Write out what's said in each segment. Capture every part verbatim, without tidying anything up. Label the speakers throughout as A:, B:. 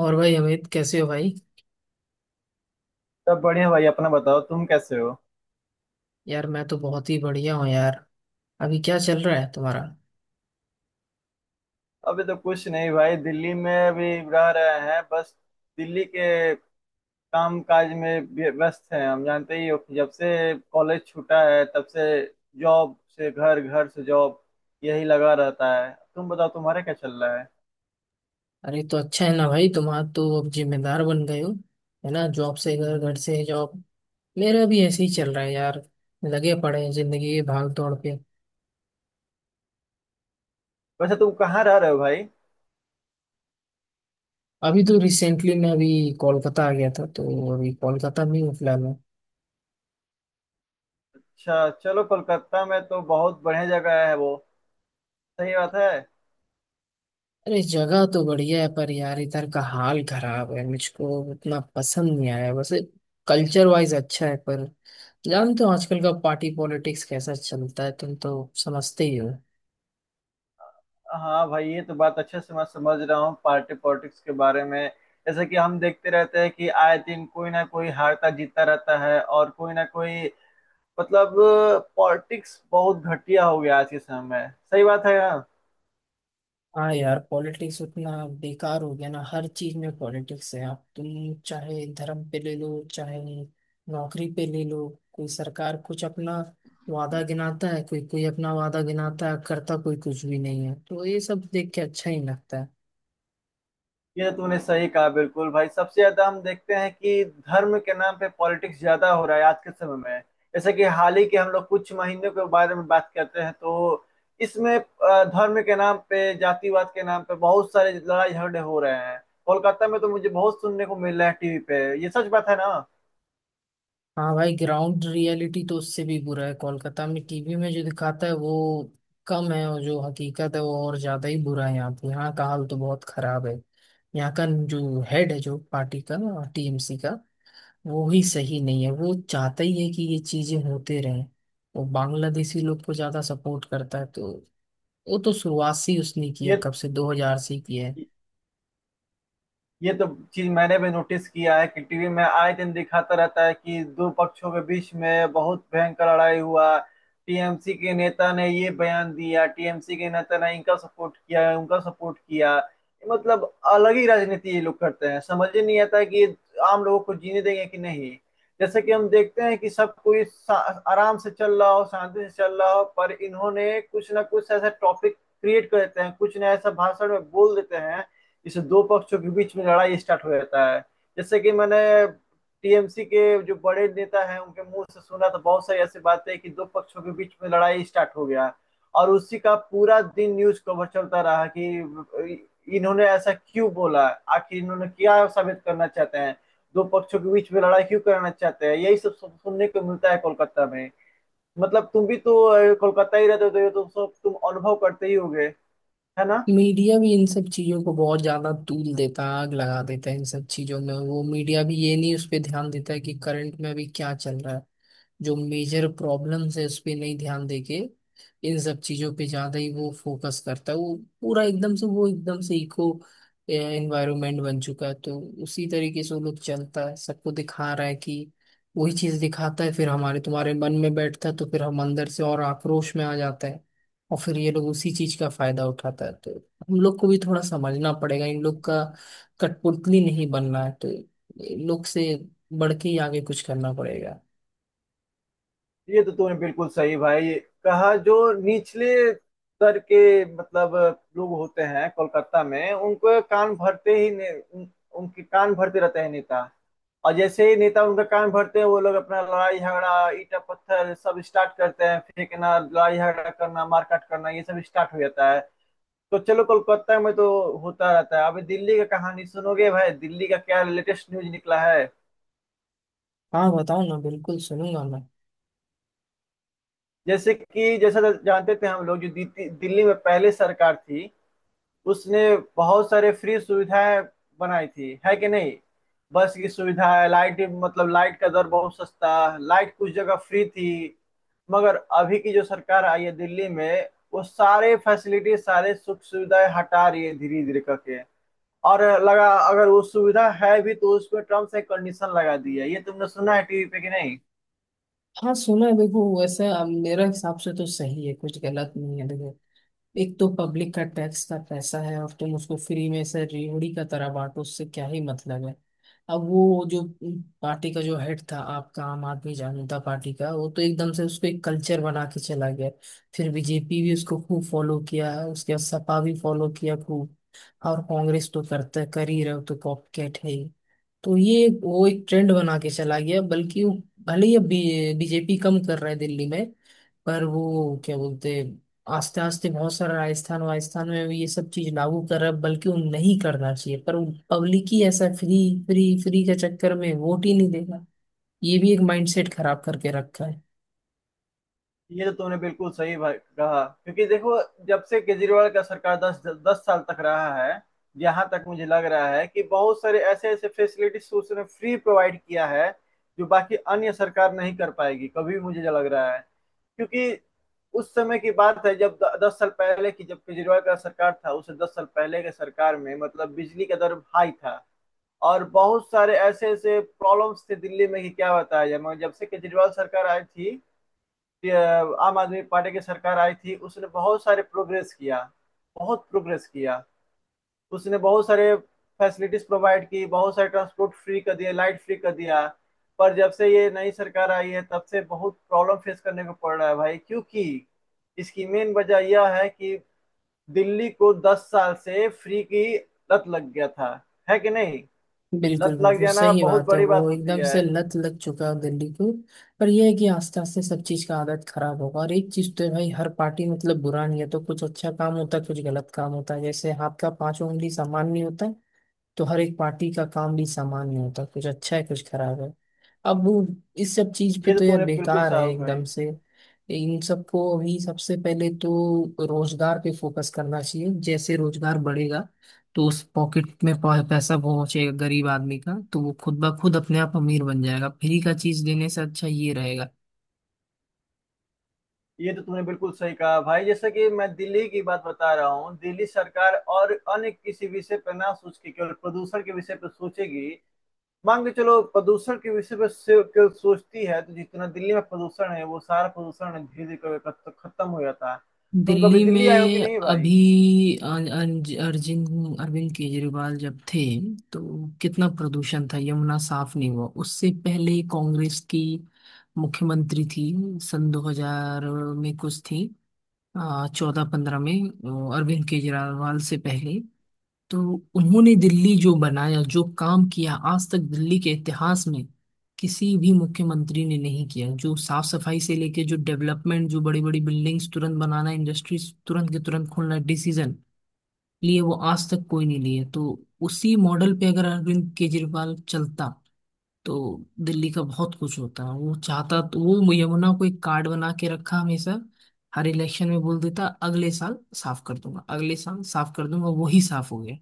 A: और भाई अमित कैसे हो भाई।
B: सब बढ़िया भाई। अपना बताओ, तुम कैसे हो?
A: यार मैं तो बहुत ही बढ़िया हूँ यार। अभी क्या चल रहा है तुम्हारा।
B: अभी तो कुछ नहीं भाई, दिल्ली में अभी रह रहे हैं बस। दिल्ली के काम काज में व्य- व्यस्त हैं। हम जानते ही हो कि जब से कॉलेज छूटा है, तब से जॉब से घर, घर से जॉब, यही लगा रहता है। तुम बताओ, तुम्हारा क्या चल रहा है?
A: अरे तो अच्छा है ना भाई, तुम्हारा तो अब जिम्मेदार बन गए हो, है ना। जॉब से घर, घर से जॉब, मेरा भी ऐसे ही चल रहा है यार। लगे पड़े हैं जिंदगी के भाग दौड़ पे।
B: वैसे तुम कहाँ रह रहे हो भाई?
A: अभी तो रिसेंटली मैं अभी कोलकाता आ गया था, तो अभी कोलकाता में हूँ फिलहाल मैं।
B: अच्छा चलो, कोलकाता में तो बहुत बढ़िया जगह है वो। सही बात है।
A: अरे जगह तो बढ़िया है पर यार इधर का हाल खराब है, मुझको उतना पसंद नहीं आया वैसे। कल्चर वाइज अच्छा है, पर जानते हो आजकल का पार्टी पॉलिटिक्स कैसा चलता है, तुम तो समझते ही हो।
B: हाँ भाई, ये तो बात अच्छे से मैं समझ रहा हूँ, पार्टी पॉलिटिक्स के बारे में। जैसे कि हम देखते रहते हैं कि आए दिन कोई ना कोई हारता जीतता रहता है, और कोई ना कोई मतलब पॉलिटिक्स बहुत घटिया हो गया आज के समय में। सही बात है यार।
A: हाँ यार, पॉलिटिक्स उतना बेकार हो गया ना। हर चीज में पॉलिटिक्स है, आप तुम चाहे धर्म पे ले लो, चाहे नौकरी पे ले लो। कोई सरकार कुछ अपना वादा गिनाता है, कोई कोई अपना वादा गिनाता है, करता कोई कुछ भी नहीं है, तो ये सब देख के अच्छा ही लगता है।
B: ये तो तूने सही कहा बिल्कुल भाई, सबसे ज्यादा हम देखते हैं कि धर्म के नाम पे पॉलिटिक्स ज्यादा हो रहा है आज के समय में। जैसे कि हाल ही के हम लोग कुछ महीनों के बारे में बात करते हैं, तो इसमें अ, धर्म के नाम पे, जातिवाद के नाम पे बहुत सारे लड़ाई झगड़े हो रहे हैं। कोलकाता में तो मुझे बहुत सुनने को मिल रहा है टीवी पे। ये सच बात है ना।
A: हाँ भाई, ग्राउंड रियलिटी तो उससे भी बुरा है कोलकाता में। टीवी में जो दिखाता है वो कम है, और जो हकीकत है वो और ज्यादा ही बुरा है। यहाँ पे यहाँ का हाल तो बहुत खराब है। यहाँ का जो हेड है, जो पार्टी का टीएमसी का, वो ही सही नहीं है। वो चाहता ही है कि ये चीजें होते रहें। वो बांग्लादेशी लोग को ज्यादा सपोर्ट करता है, तो वो तो शुरुआत से ही उसने की है,
B: ये
A: कब से दो हज़ार से ही की है।
B: ये तो चीज मैंने भी नोटिस किया है कि टीवी में आए दिन दिखाता रहता है कि दो पक्षों के बीच में बहुत भयंकर लड़ाई हुआ। टीएमसी के नेता ने ये बयान दिया, टीएमसी के नेता ने इनका सपोर्ट किया, उनका सपोर्ट किया। मतलब अलग ही राजनीति ये लोग करते हैं। समझ ही नहीं आता कि ये आम लोगों को जीने देंगे कि नहीं। जैसे कि हम देखते हैं कि सब कोई सा- आराम से चल रहा हो, शांति से चल रहा हो, पर इन्होंने कुछ ना कुछ ऐसा टॉपिक क्रिएट कर देते हैं, कुछ ना ऐसा भाषण में बोल देते हैं, इस दो पक्षों के बीच में लड़ाई स्टार्ट हो जाता है। जैसे कि मैंने टीएमसी के जो बड़े नेता हैं उनके मुंह से सुना, तो बहुत सारी ऐसी बातें कि दो पक्षों के बीच में लड़ाई स्टार्ट हो गया, और उसी का पूरा दिन न्यूज कवर चलता रहा कि इन्होंने ऐसा क्यों बोला, आखिर इन्होंने क्या साबित करना चाहते हैं, दो पक्षों के बीच में लड़ाई क्यों करना चाहते हैं। यही सब सुनने को मिलता है कोलकाता में। मतलब तुम भी तो अ, कोलकाता ही रहते हो, तो ये तो सब तुम अनुभव करते ही होगे, है ना?
A: मीडिया भी इन सब चीजों को बहुत ज्यादा तूल देता है, आग लगा देता है इन सब चीजों में वो। मीडिया भी ये नहीं उस पर ध्यान देता है कि करंट में अभी क्या चल रहा है, जो मेजर प्रॉब्लम्स है उस पर नहीं ध्यान देके, इन सब चीजों पे ज्यादा ही वो फोकस करता है वो। पूरा एकदम से वो, एकदम से इको एनवायरनमेंट बन चुका है, तो उसी तरीके से वो लोग चलता है, सबको दिखा रहा है कि वही चीज दिखाता है, फिर हमारे तुम्हारे मन में बैठता है, तो फिर हम अंदर से और आक्रोश में आ जाता है, और फिर ये लोग उसी चीज का फायदा उठाता है। तो हम लोग को भी थोड़ा समझना पड़ेगा, इन लोग का कठपुतली नहीं बनना है, तो इन लोग से बढ़ के ही आगे कुछ करना पड़ेगा।
B: ये तो तूने बिल्कुल सही भाई कहा। जो निचले स्तर के मतलब लोग होते हैं कोलकाता में, उनको कान भरते ही ने, उन, उनके कान भरते रहते हैं नेता। और जैसे ही नेता उनका कान भरते हैं, वो लोग अपना लड़ाई झगड़ा, ईटा पत्थर सब स्टार्ट करते हैं फेंकना, लड़ाई झगड़ा करना, मारकाट करना, ये सब स्टार्ट हो जाता है। तो चलो, कोलकाता में तो होता रहता है। अभी दिल्ली का कहानी सुनोगे भाई? दिल्ली का क्या लेटेस्ट न्यूज निकला है।
A: हाँ बताओ ना, बिल्कुल सुनूंगा मैं।
B: जैसे कि जैसा जानते थे हम लोग, जो दी- दिल्ली में पहले सरकार थी, उसने बहुत सारे फ्री सुविधाएं बनाई थी, है कि नहीं? बस की सुविधा है, लाइट मतलब लाइट का दर बहुत सस्ता, लाइट कुछ जगह फ्री थी। मगर अभी की जो सरकार आई है दिल्ली में, वो सारे फैसिलिटी, सारे सुख सुविधाएं हटा रही है धीरे धीरे करके। और लगा अगर वो सुविधा है भी तो उसमें टर्म्स एंड कंडीशन लगा दी है। ये तुमने सुना है टीवी पे कि नहीं?
A: हाँ सुना है। देखो वैसे अब मेरे हिसाब से तो सही है, कुछ गलत नहीं है। देखो, एक तो पब्लिक का टैक्स का पैसा है, और तुम उसको फ्री में से रेवड़ी का तरह बांटो, उससे क्या ही मतलब है। अब वो जो पार्टी का जो हेड था आपका, आम आदमी जनता पार्टी का, वो तो एकदम से उसको एक कल्चर बना के चला गया। फिर बीजेपी भी उसको खूब फॉलो किया, उसके बाद सपा भी फॉलो किया खूब, और कांग्रेस तो करता है, कर ही रहे हो, तो कॉपकैट है ही। तो ये वो एक ट्रेंड बना के चला गया। बल्कि वो, भले ही अब बीजेपी कम कर रहा है दिल्ली में, पर वो क्या बोलते हैं, आस्ते आस्ते बहुत सारा राजस्थान वाजस्थान में भी ये सब चीज लागू कर रहा है। बल्कि वो नहीं करना चाहिए, पर पब्लिक ही ऐसा फ्री फ्री फ्री के चक्कर में वोट ही नहीं देगा। ये भी एक माइंडसेट खराब करके रखा है।
B: ये तो तुमने बिल्कुल सही भाई कहा, क्योंकि देखो, जब से केजरीवाल का सरकार दस दस साल तक रहा है, यहाँ तक मुझे लग रहा है कि बहुत सारे ऐसे ऐसे फैसिलिटीज उसने फ्री प्रोवाइड किया है जो बाकी अन्य सरकार नहीं कर पाएगी कभी, मुझे जो लग रहा है। क्योंकि उस समय की बात है जब द- दस साल पहले की, जब केजरीवाल का सरकार था, उससे दस साल पहले के सरकार में मतलब बिजली का दर हाई था, और बहुत सारे ऐसे ऐसे प्रॉब्लम्स थे दिल्ली में कि क्या बताया जाए। मगर जब से केजरीवाल सरकार आई थी, ये आम आदमी पार्टी की सरकार आई थी, उसने बहुत सारे प्रोग्रेस किया, बहुत प्रोग्रेस किया। उसने बहुत सारे फैसिलिटीज प्रोवाइड की, बहुत सारे ट्रांसपोर्ट फ्री कर दिया, लाइट फ्री कर दिया। पर जब से ये नई सरकार आई है, तब से बहुत प्रॉब्लम फेस करने को पड़ रहा है भाई, क्योंकि इसकी मेन वजह यह है कि दिल्ली को दस साल से फ्री की लत लग गया था, है कि नहीं? लत
A: बिल्कुल
B: लग
A: बिल्कुल
B: जाना
A: सही
B: बहुत
A: बात है,
B: बड़ी बात
A: वो
B: होती
A: एकदम
B: है।
A: से लत लग चुका है दिल्ली को। पर यह है कि आस्ते आस्ते सब चीज का आदत खराब होगा। और एक चीज तो है भाई, हर पार्टी मतलब बुरा नहीं है, तो कुछ अच्छा काम होता है, कुछ गलत काम होता है, जैसे हाथ का पांचों उंगली समान नहीं होता, तो हर एक पार्टी का काम भी समान नहीं होता, कुछ अच्छा है कुछ खराब है। अब वो इस सब चीज पे
B: ये तो
A: तो यार
B: तुमने बिल्कुल
A: बेकार है
B: साफ
A: एकदम
B: कही।
A: से। इन सबको अभी सबसे पहले तो रोजगार पे फोकस करना चाहिए। जैसे रोजगार बढ़ेगा, तो उस पॉकेट में पह- पैसा पहुंचेगा गरीब आदमी का, तो वो खुद ब खुद अपने आप अमीर बन जाएगा, फ्री का चीज देने से अच्छा ये रहेगा।
B: ये तो तुमने बिल्कुल सही कहा भाई। जैसे कि मैं दिल्ली की बात बता रहा हूँ, दिल्ली सरकार और अन्य किसी विषय पर ना सोच के केवल प्रदूषण के विषय पर सोचेगी, मान के चलो प्रदूषण के विषय पर से- केवल सोचती है, तो जितना दिल्ली में प्रदूषण है वो सारा प्रदूषण धीरे धीरे खत्म हो जाता है। तुम कभी
A: दिल्ली
B: दिल्ली आए हो कि
A: में
B: नहीं भाई?
A: अभी अन- अन- अरविंद अरविंद केजरीवाल जब थे, तो कितना प्रदूषण था, यमुना साफ नहीं हुआ। उससे पहले कांग्रेस की मुख्यमंत्री थी सन दो हज़ार में, कुछ थी चौदह पंद्रह में, अ, अरविंद केजरीवाल से पहले। तो उन्होंने दिल्ली जो बनाया, जो काम किया, आज तक दिल्ली के इतिहास में किसी भी मुख्यमंत्री ने नहीं किया। जो साफ सफाई से लेके, जो डेवलपमेंट, जो बड़ी बड़ी बिल्डिंग्स तुरंत बनाना, इंडस्ट्रीज तुरंत के तुरंत खोलना, डिसीजन लिए, वो आज तक कोई नहीं लिए। तो उसी मॉडल पे अगर अरविंद केजरीवाल चलता, तो दिल्ली का बहुत कुछ होता। वो चाहता तो, वो यमुना को एक कार्ड बना के रखा हमेशा। हर इलेक्शन में बोल देता अगले साल साफ कर दूंगा, अगले साल साफ कर दूंगा, वही साफ हो गया।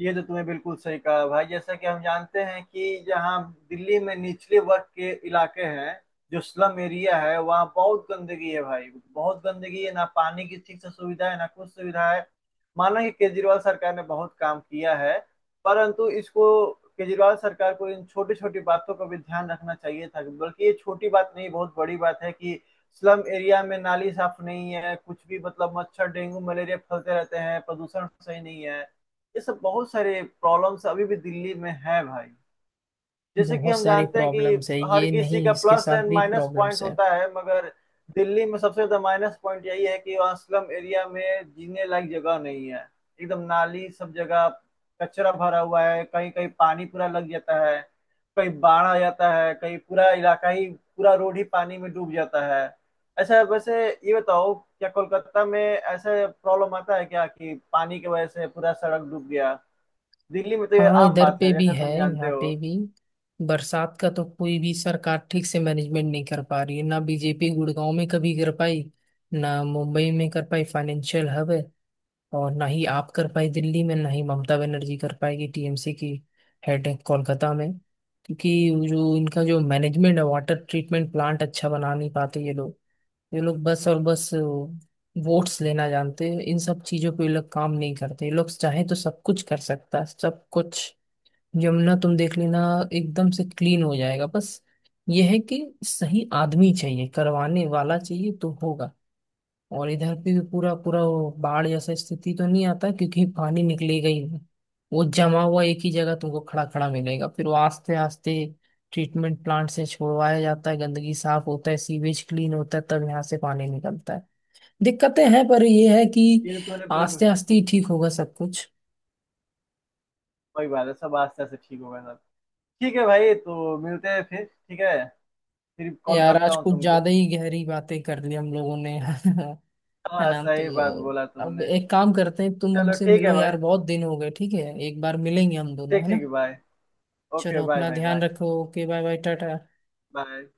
B: ये तो तुमने बिल्कुल सही कहा भाई। जैसा कि हम जानते हैं कि जहाँ दिल्ली में निचले वर्ग के इलाके हैं, जो स्लम एरिया है, वहाँ बहुत गंदगी है भाई, बहुत गंदगी है, ना पानी की ठीक से सुविधा है, ना कुछ सुविधा है। माना कि केजरीवाल सरकार ने बहुत काम किया है, परंतु इसको, केजरीवाल सरकार को, इन छोटी छोटी बातों का भी ध्यान रखना चाहिए था। बल्कि ये छोटी बात नहीं, बहुत बड़ी बात है कि स्लम एरिया में नाली साफ नहीं है, कुछ भी मतलब मच्छर, डेंगू, मलेरिया फैलते रहते हैं, प्रदूषण सही नहीं है। ये सब बहुत सारे प्रॉब्लम्स अभी भी दिल्ली में है भाई। जैसे कि
A: बहुत
B: हम
A: सारी
B: जानते हैं कि
A: प्रॉब्लम्स है,
B: हर
A: ये
B: किसी
A: नहीं
B: का
A: इसके
B: प्लस
A: साथ
B: एंड
A: भी
B: माइनस पॉइंट
A: प्रॉब्लम्स है।
B: होता है, मगर दिल्ली में सबसे ज्यादा माइनस पॉइंट यही है कि वहाँ स्लम एरिया में जीने लायक जगह नहीं है। एकदम नाली सब जगह, कचरा भरा हुआ है, कहीं कहीं पानी पूरा लग जाता है, कहीं बाढ़ आ जाता है, कहीं पूरा इलाका ही, पूरा रोड ही पानी में डूब जाता है। अच्छा, वैसे ये बताओ, क्या कोलकाता में ऐसा प्रॉब्लम आता है क्या कि पानी की वजह से पूरा सड़क डूब गया? दिल्ली में तो ये
A: हाँ
B: आम
A: इधर
B: बात
A: पे
B: है
A: भी
B: जैसा
A: है,
B: तुम जानते
A: यहाँ
B: हो।
A: पे भी बरसात का तो कोई भी सरकार ठीक से मैनेजमेंट नहीं कर पा रही है। ना बीजेपी गुड़गांव में कभी कर पाई, ना मुंबई में कर पाई, फाइनेंशियल हब है, और ना ही आप कर पाई दिल्ली में, ना ही ममता बनर्जी कर पाएगी, टीएमसी की हेड है कोलकाता में। क्योंकि जो इनका जो मैनेजमेंट है, वाटर ट्रीटमेंट प्लांट अच्छा बना नहीं पाते ये लोग। ये लोग बस और बस वोट्स लेना जानते हैं, इन सब चीजों पे ये लोग काम नहीं करते। ये लोग चाहे तो सब कुछ कर सकता है, सब कुछ। यमुना तुम देख लेना, एकदम से क्लीन हो जाएगा। बस ये है कि सही आदमी चाहिए करवाने वाला, चाहिए तो होगा। और इधर भी पूरा पूरा वो बाढ़ जैसा स्थिति तो नहीं आता, क्योंकि पानी निकलेगा ही नहीं। वो जमा हुआ एक ही जगह तुमको खड़ा खड़ा मिलेगा, फिर वो आस्ते आस्ते ट्रीटमेंट प्लांट से छोड़वाया जाता है, गंदगी साफ होता है, सीवेज क्लीन होता है, तब यहाँ से पानी निकलता है। दिक्कतें हैं, पर ये है कि
B: ये तो तूने बिल्कुल।
A: आस्ते आस्ते ही ठीक होगा सब कुछ।
B: कोई बात है, सब आस्ते से ठीक होगा सब। ठीक है भाई, तो मिलते हैं फिर, ठीक है? फिर कॉल
A: यार
B: करता
A: आज
B: हूँ
A: कुछ
B: तुमको।
A: ज्यादा ही गहरी बातें कर ली हम लोगों ने है
B: हाँ,
A: ना।
B: सही बात
A: तो
B: बोला
A: अब
B: तुमने।
A: एक काम करते हैं, तुम
B: चलो
A: हमसे
B: ठीक है
A: मिलो
B: भाई।
A: यार, बहुत दिन हो गए। ठीक है, एक बार मिलेंगे हम दोनों,
B: ठीक
A: है ना।
B: ठीक, बाय। ओके,
A: चलो
B: बाय
A: अपना
B: भाई,
A: ध्यान
B: बाय,
A: रखो, okay, bye bye, tata.
B: Bye.